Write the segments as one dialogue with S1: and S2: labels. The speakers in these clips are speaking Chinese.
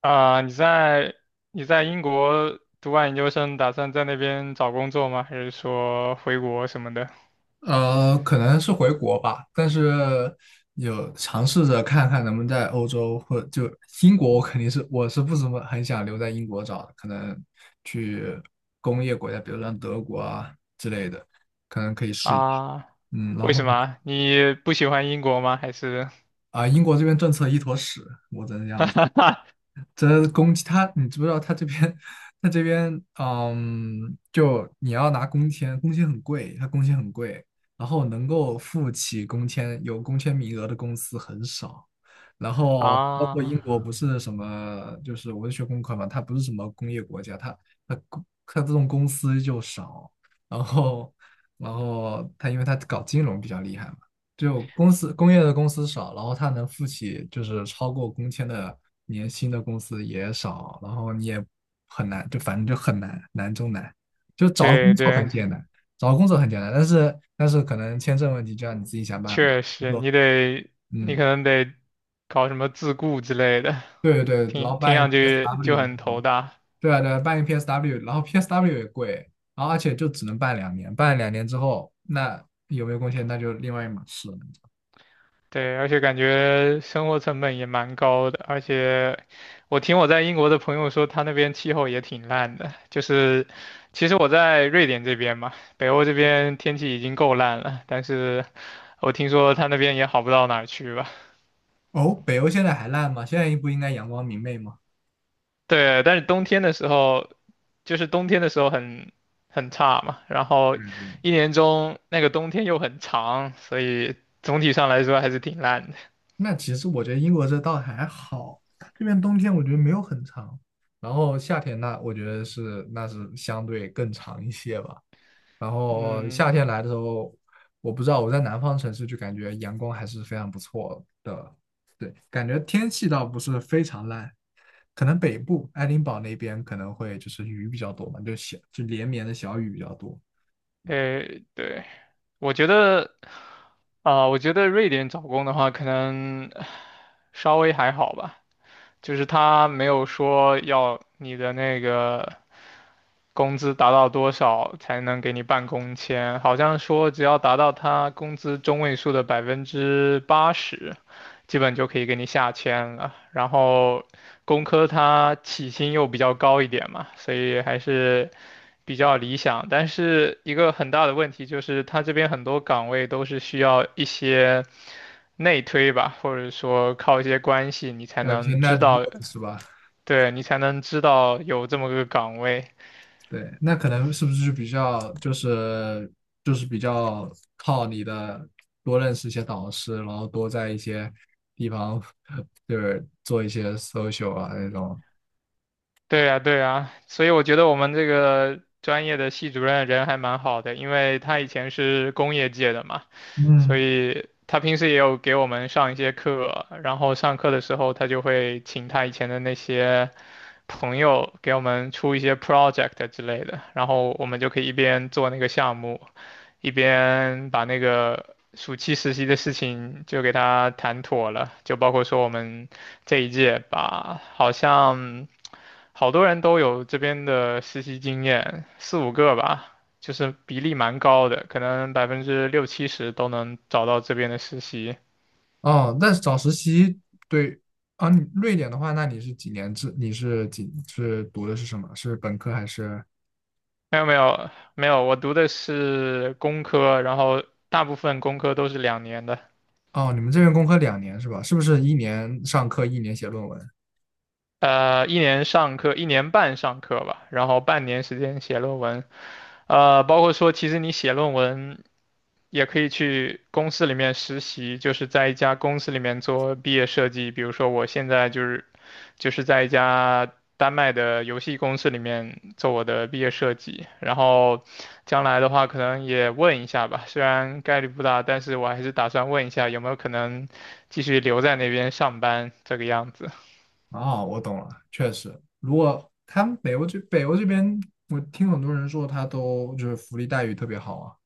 S1: 啊，你在英国读完研究生，打算在那边找工作吗？还是说回国什么的？
S2: 可能是回国吧，但是有尝试着看看能不能在欧洲或就英国，我肯定是我是不怎么很想留在英国找的，可能去工业国家，比如像德国啊，可能可以试一试。
S1: 啊，
S2: 然
S1: 为
S2: 后
S1: 什么啊？你不喜欢英国吗？还是
S2: 英国这边政策一坨屎，我只能这样说。这公积他，你知不知道他这边，就你要拿工签，工签很贵，他工签很贵，然后能够付起工签有工签名额的公司很少，然后包括
S1: 啊，
S2: 英国不是什么，就是我是学工科嘛，它不是什么工业国家，它这种公司就少，然后然后它因为它搞金融比较厉害嘛。就公司工业的公司少，然后他能付起就是超过工签的年薪的公司也少，然后你也很难，就反正就很难，难中难。就找工
S1: 对
S2: 作很
S1: 对，
S2: 简单，找工作很简单，但是可能签证问题就要你自己想办法。
S1: 确实，
S2: 不，
S1: 你
S2: 嗯，
S1: 可能得搞什么自雇之类的，
S2: 对对对，然
S1: 听
S2: 后
S1: 听
S2: 办一个
S1: 上去就
S2: PSW
S1: 很
S2: 那
S1: 头
S2: 种，
S1: 大。
S2: 对啊对啊办一个 PSW，然后 PSW 也贵，然后而且就只能办两年，办了两年之后，那有没有贡献那就另外一码事了。
S1: 对，而且感觉生活成本也蛮高的，而且我听我在英国的朋友说，他那边气候也挺烂的。就是其实我在瑞典这边嘛，北欧这边天气已经够烂了，但是我听说他那边也好不到哪儿去吧。
S2: 哦，北欧现在还烂吗？现在不应该阳光明媚吗？
S1: 对，但是冬天的时候，就是冬天的时候很差嘛，然后
S2: 嗯嗯，
S1: 一年中那个冬天又很长，所以总体上来说还是挺烂的。
S2: 那其实我觉得英国这倒还好，这边冬天我觉得没有很长，然后夏天那我觉得是那是相对更长一些吧。然后
S1: 嗯，
S2: 夏天来的时候，我不知道我在南方城市就感觉阳光还是非常不错的，对，感觉天气倒不是非常烂，可能北部爱丁堡那边可能会就是雨比较多嘛，就小就连绵的小雨比较多，
S1: 诶，对，我觉得。啊，我觉得瑞典找工的话，可能稍微还好吧，就是他没有说要你的那个工资达到多少才能给你办工签，好像说只要达到他工资中位数的80%，基本就可以给你下签了。然后工科它起薪又比较高一点嘛，所以还是比较理想。但是一个很大的问题就是，他这边很多岗位都是需要一些内推吧，或者说靠一些关系，你才
S2: 还有一些
S1: 能
S2: n i
S1: 知
S2: g h t w o
S1: 道。
S2: o d 是吧？
S1: 对，你才能知道有这么个岗位。
S2: 对，那可能是不是就比较就是就是比较靠你的多认识一些导师，然后多在一些地方 就是做一些 social 啊那种。
S1: 对呀，对呀，所以我觉得我们这个专业的系主任人还蛮好的，因为他以前是工业界的嘛，所
S2: 嗯，
S1: 以他平时也有给我们上一些课，然后上课的时候他就会请他以前的那些朋友给我们出一些 project 之类的，然后我们就可以一边做那个项目，一边把那个暑期实习的事情就给他谈妥了，就包括说我们这一届吧，好像好多人都有这边的实习经验，4、5个吧，就是比例蛮高的，可能60%到70%都能找到这边的实习。
S2: 哦，那找实习对啊，你瑞典的话，那你是几年制？你是几是读的是什么？是本科还是？
S1: 没有没有没有，我读的是工科，然后大部分工科都是2年的。
S2: 哦，你们这边工科两年是吧？是不是一年上课，一年写论文？
S1: 一年上课，1年半上课吧，然后半年时间写论文。包括说，其实你写论文也可以去公司里面实习，就是在一家公司里面做毕业设计。比如说，我现在就是在一家丹麦的游戏公司里面做我的毕业设计。然后将来的话，可能也问一下吧，虽然概率不大，但是我还是打算问一下有没有可能继续留在那边上班这个样子。
S2: 哦，我懂了，确实，如果他们北欧这边，我听很多人说他都就是福利待遇特别好啊。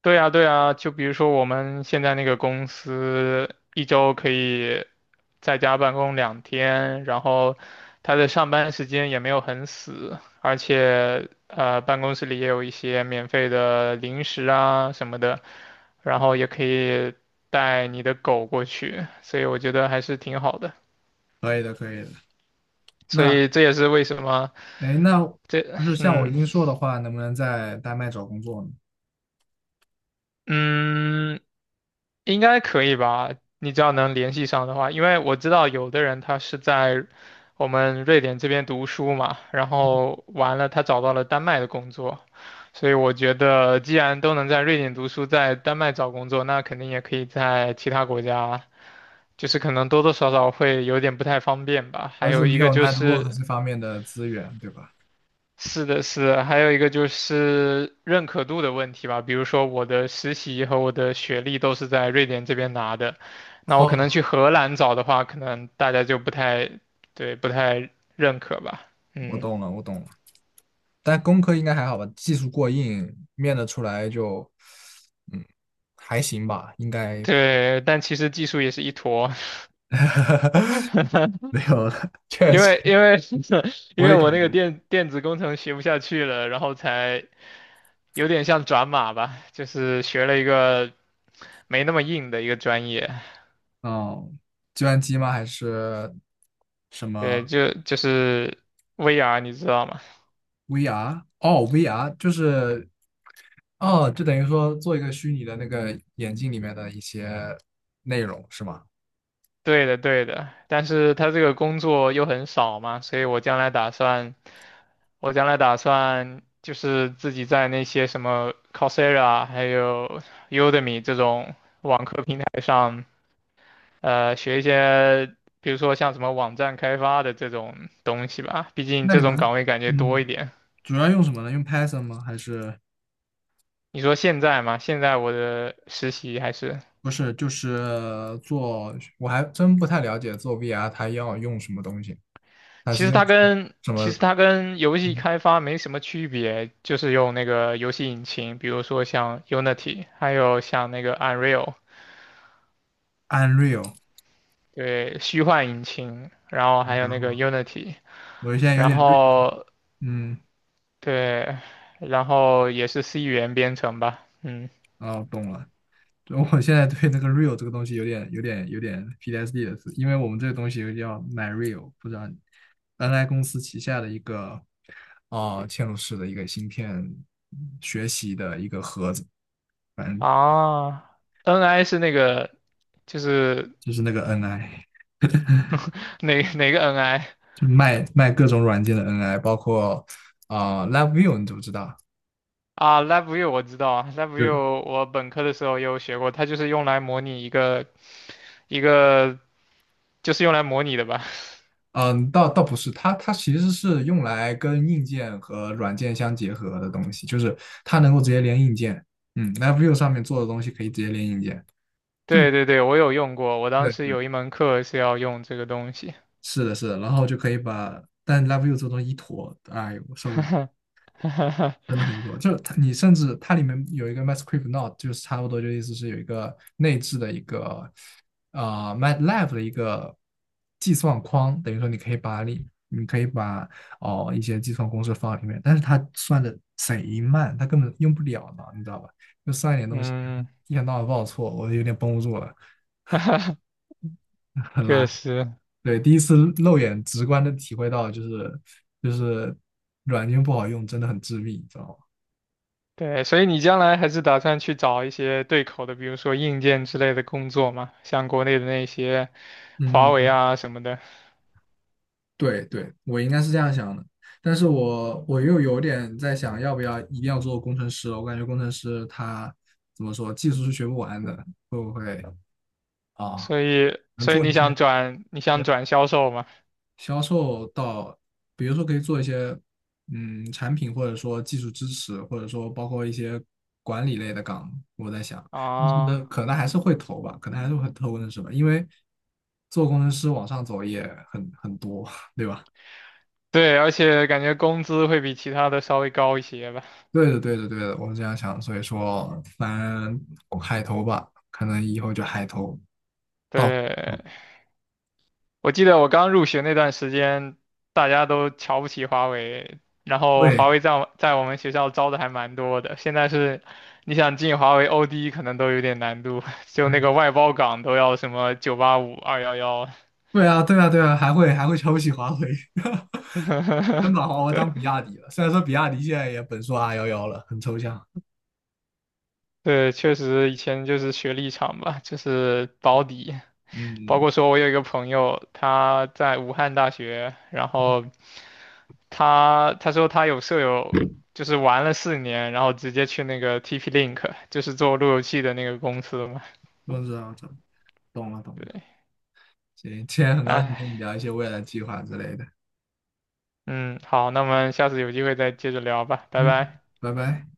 S1: 对呀，对呀，就比如说我们现在那个公司，一周可以在家办公2天，然后他的上班时间也没有很死，而且办公室里也有一些免费的零食啊什么的，然后也可以带你的狗过去，所以我觉得还是挺好的。
S2: 可以的，可以的。
S1: 所
S2: 那
S1: 以这也是为什么
S2: 哎，那
S1: 这，
S2: 不是像我
S1: 嗯
S2: 英硕的话，能不能在丹麦找工作呢？
S1: 嗯，应该可以吧？你只要能联系上的话，因为我知道有的人他是在我们瑞典这边读书嘛，然后完了他找到了丹麦的工作，所以我觉得既然都能在瑞典读书，在丹麦找工作，那肯定也可以在其他国家，就是可能多多少少会有点不太方便吧。
S2: 主
S1: 还
S2: 要是
S1: 有
S2: 没
S1: 一个
S2: 有
S1: 就
S2: network
S1: 是，
S2: 这方面的资源，对吧？
S1: 是的，是的，还有一个就是认可度的问题吧。比如说我的实习和我的学历都是在瑞典这边拿的，那我可能
S2: 哦，
S1: 去荷兰找的话，可能大家就不太，对，不太认可吧。
S2: 我
S1: 嗯，
S2: 懂了，我懂了。但工科应该还好吧？技术过硬，面得出来就，嗯，还行吧，应该
S1: 对，但其实技术也是一坨，
S2: 没有了。确
S1: 因
S2: 实，
S1: 为因为 因
S2: 我
S1: 为
S2: 也感。
S1: 我那个电子工程学不下去了，然后才有点像转码吧，就是学了一个没那么硬的一个专业，
S2: 哦，计算机吗？还是什
S1: 对，
S2: 么
S1: 就是 VR，你知道吗？
S2: VR？哦，VR 就是哦，就等于说做一个虚拟的那个眼镜里面的一些内容是吗？
S1: 对的，对的，但是他这个工作又很少嘛，所以我将来打算，我将来打算就是自己在那些什么 Coursera 还有 Udemy 这种网课平台上，学一些，比如说像什么网站开发的这种东西吧，毕竟
S2: 那
S1: 这
S2: 你
S1: 种
S2: 们
S1: 岗位感觉多一
S2: 嗯，
S1: 点。
S2: 主要用什么呢？用 Python 吗？还是
S1: 你说现在嘛，现在我的实习还是。
S2: 不是？就是做，我还真不太了解做 VR 它要用什么东西，还
S1: 其
S2: 是
S1: 实
S2: 用
S1: 它跟
S2: 什么
S1: 其实它跟游戏
S2: 嗯
S1: 开发没什么区别，就是用那个游戏引擎，比如说像 Unity，还有像那个 Unreal，
S2: Unreal？
S1: 对，虚幻引擎，然后还
S2: 然
S1: 有那个
S2: 后
S1: Unity，
S2: 我现在有
S1: 然
S2: 点 r。
S1: 后
S2: 嗯，
S1: 对，然后也是 C 语言编程吧，嗯
S2: 哦，懂了。我现在对那个 real 这个东西有点 PTSD 的是，因为我们这个东西又叫 MyReal，不知道你 NI 公司旗下的一个嵌入式的一个芯片学习的一个盒子，反正
S1: 啊，NI 是那个就是
S2: 就是那个 NI，
S1: 哪个 NI
S2: 就卖卖各种软件的 NI，包括LabVIEW，你知不知道？
S1: 啊？LabVIEW 我知道啊，LabVIEW
S2: 就。
S1: 我本科的时候也有学过，它就是用来模拟一个。一个就是用来模拟的吧？
S2: 嗯，倒不是，它其实是用来跟硬件和软件相结合的东西，就是它能够直接连硬件。L v e v i e w 上面做的东西可以直接连硬件，就
S1: 对对对，我有用过，我当
S2: 对，
S1: 时有一门课是要用这个东西。
S2: 是的，是的，然后就可以把，但 l v e v i e w 这东西一坨，哎呦，我受不了。真的很多，就是它，你甚至它里面有一个 MySQL n o t e 就是差不多就意思是有一个内置的一个m a t l a e 的一个计算框，等于说你可以把哦一些计算公式放在里面，但是它算的贼慢，它根本用不了呢，你知道吧？就算一点东西，
S1: 嗯，
S2: 一天到晚报错，我有点绷不住了，很垃
S1: 确
S2: 圾。
S1: 实，
S2: 对，第一次肉眼直观的体会到，就是软件不好用，真的很致命，你知道吗？
S1: 对，所以你将来还是打算去找一些对口的，比如说硬件之类的工作嘛，像国内的那些华为
S2: 嗯，
S1: 啊什么的。
S2: 对对，我应该是这样想的，但是我又有点在想，要不要一定要做工程师了？我感觉工程师他怎么说，技术是学不完的，会不会啊？
S1: 所以，
S2: 能
S1: 所以
S2: 做
S1: 你
S2: 一些
S1: 想转，你想转销售嘛？
S2: 销售到，比如说可以做一些产品，或者说技术支持，或者说包括一些管理类的岗，我在想，但
S1: 啊，
S2: 是可能还是会投吧，可能还是会投工程师吧，因为做工程师往上走也很多。
S1: 对，而且感觉工资会比其他的稍微高一些吧？
S2: 对的，对的，对的，我是这样想，所以说，反正我海投吧，可能以后就海投到，
S1: 对，我记得我刚入学那段时间，大家都瞧不起华为，然后华
S2: 对，
S1: 为在我们学校招的还蛮多的。现在是，你想进华为 OD 可能都有点难度，就那个外包岗都要什么985、211。
S2: 对啊，对啊，对啊，还会瞧不起华为，真把华为当比亚迪了。虽然说比亚迪现在也本硕 r 幺幺了，很抽象。
S1: 对，确实以前就是学历场吧，就是保底。包
S2: 嗯，
S1: 括说我有一个朋友，他在武汉大学，然后他说他有舍友就是玩了4年，然后直接去那个 TP-Link，就是做路由器的那个公司嘛。
S2: 我知道，懂了，懂了。
S1: 对，
S2: 行，今天很高兴
S1: 哎，
S2: 跟你聊一些未来计划之类的。
S1: 嗯，好，那我们下次有机会再接着聊吧，拜
S2: 嗯，
S1: 拜。
S2: 拜拜。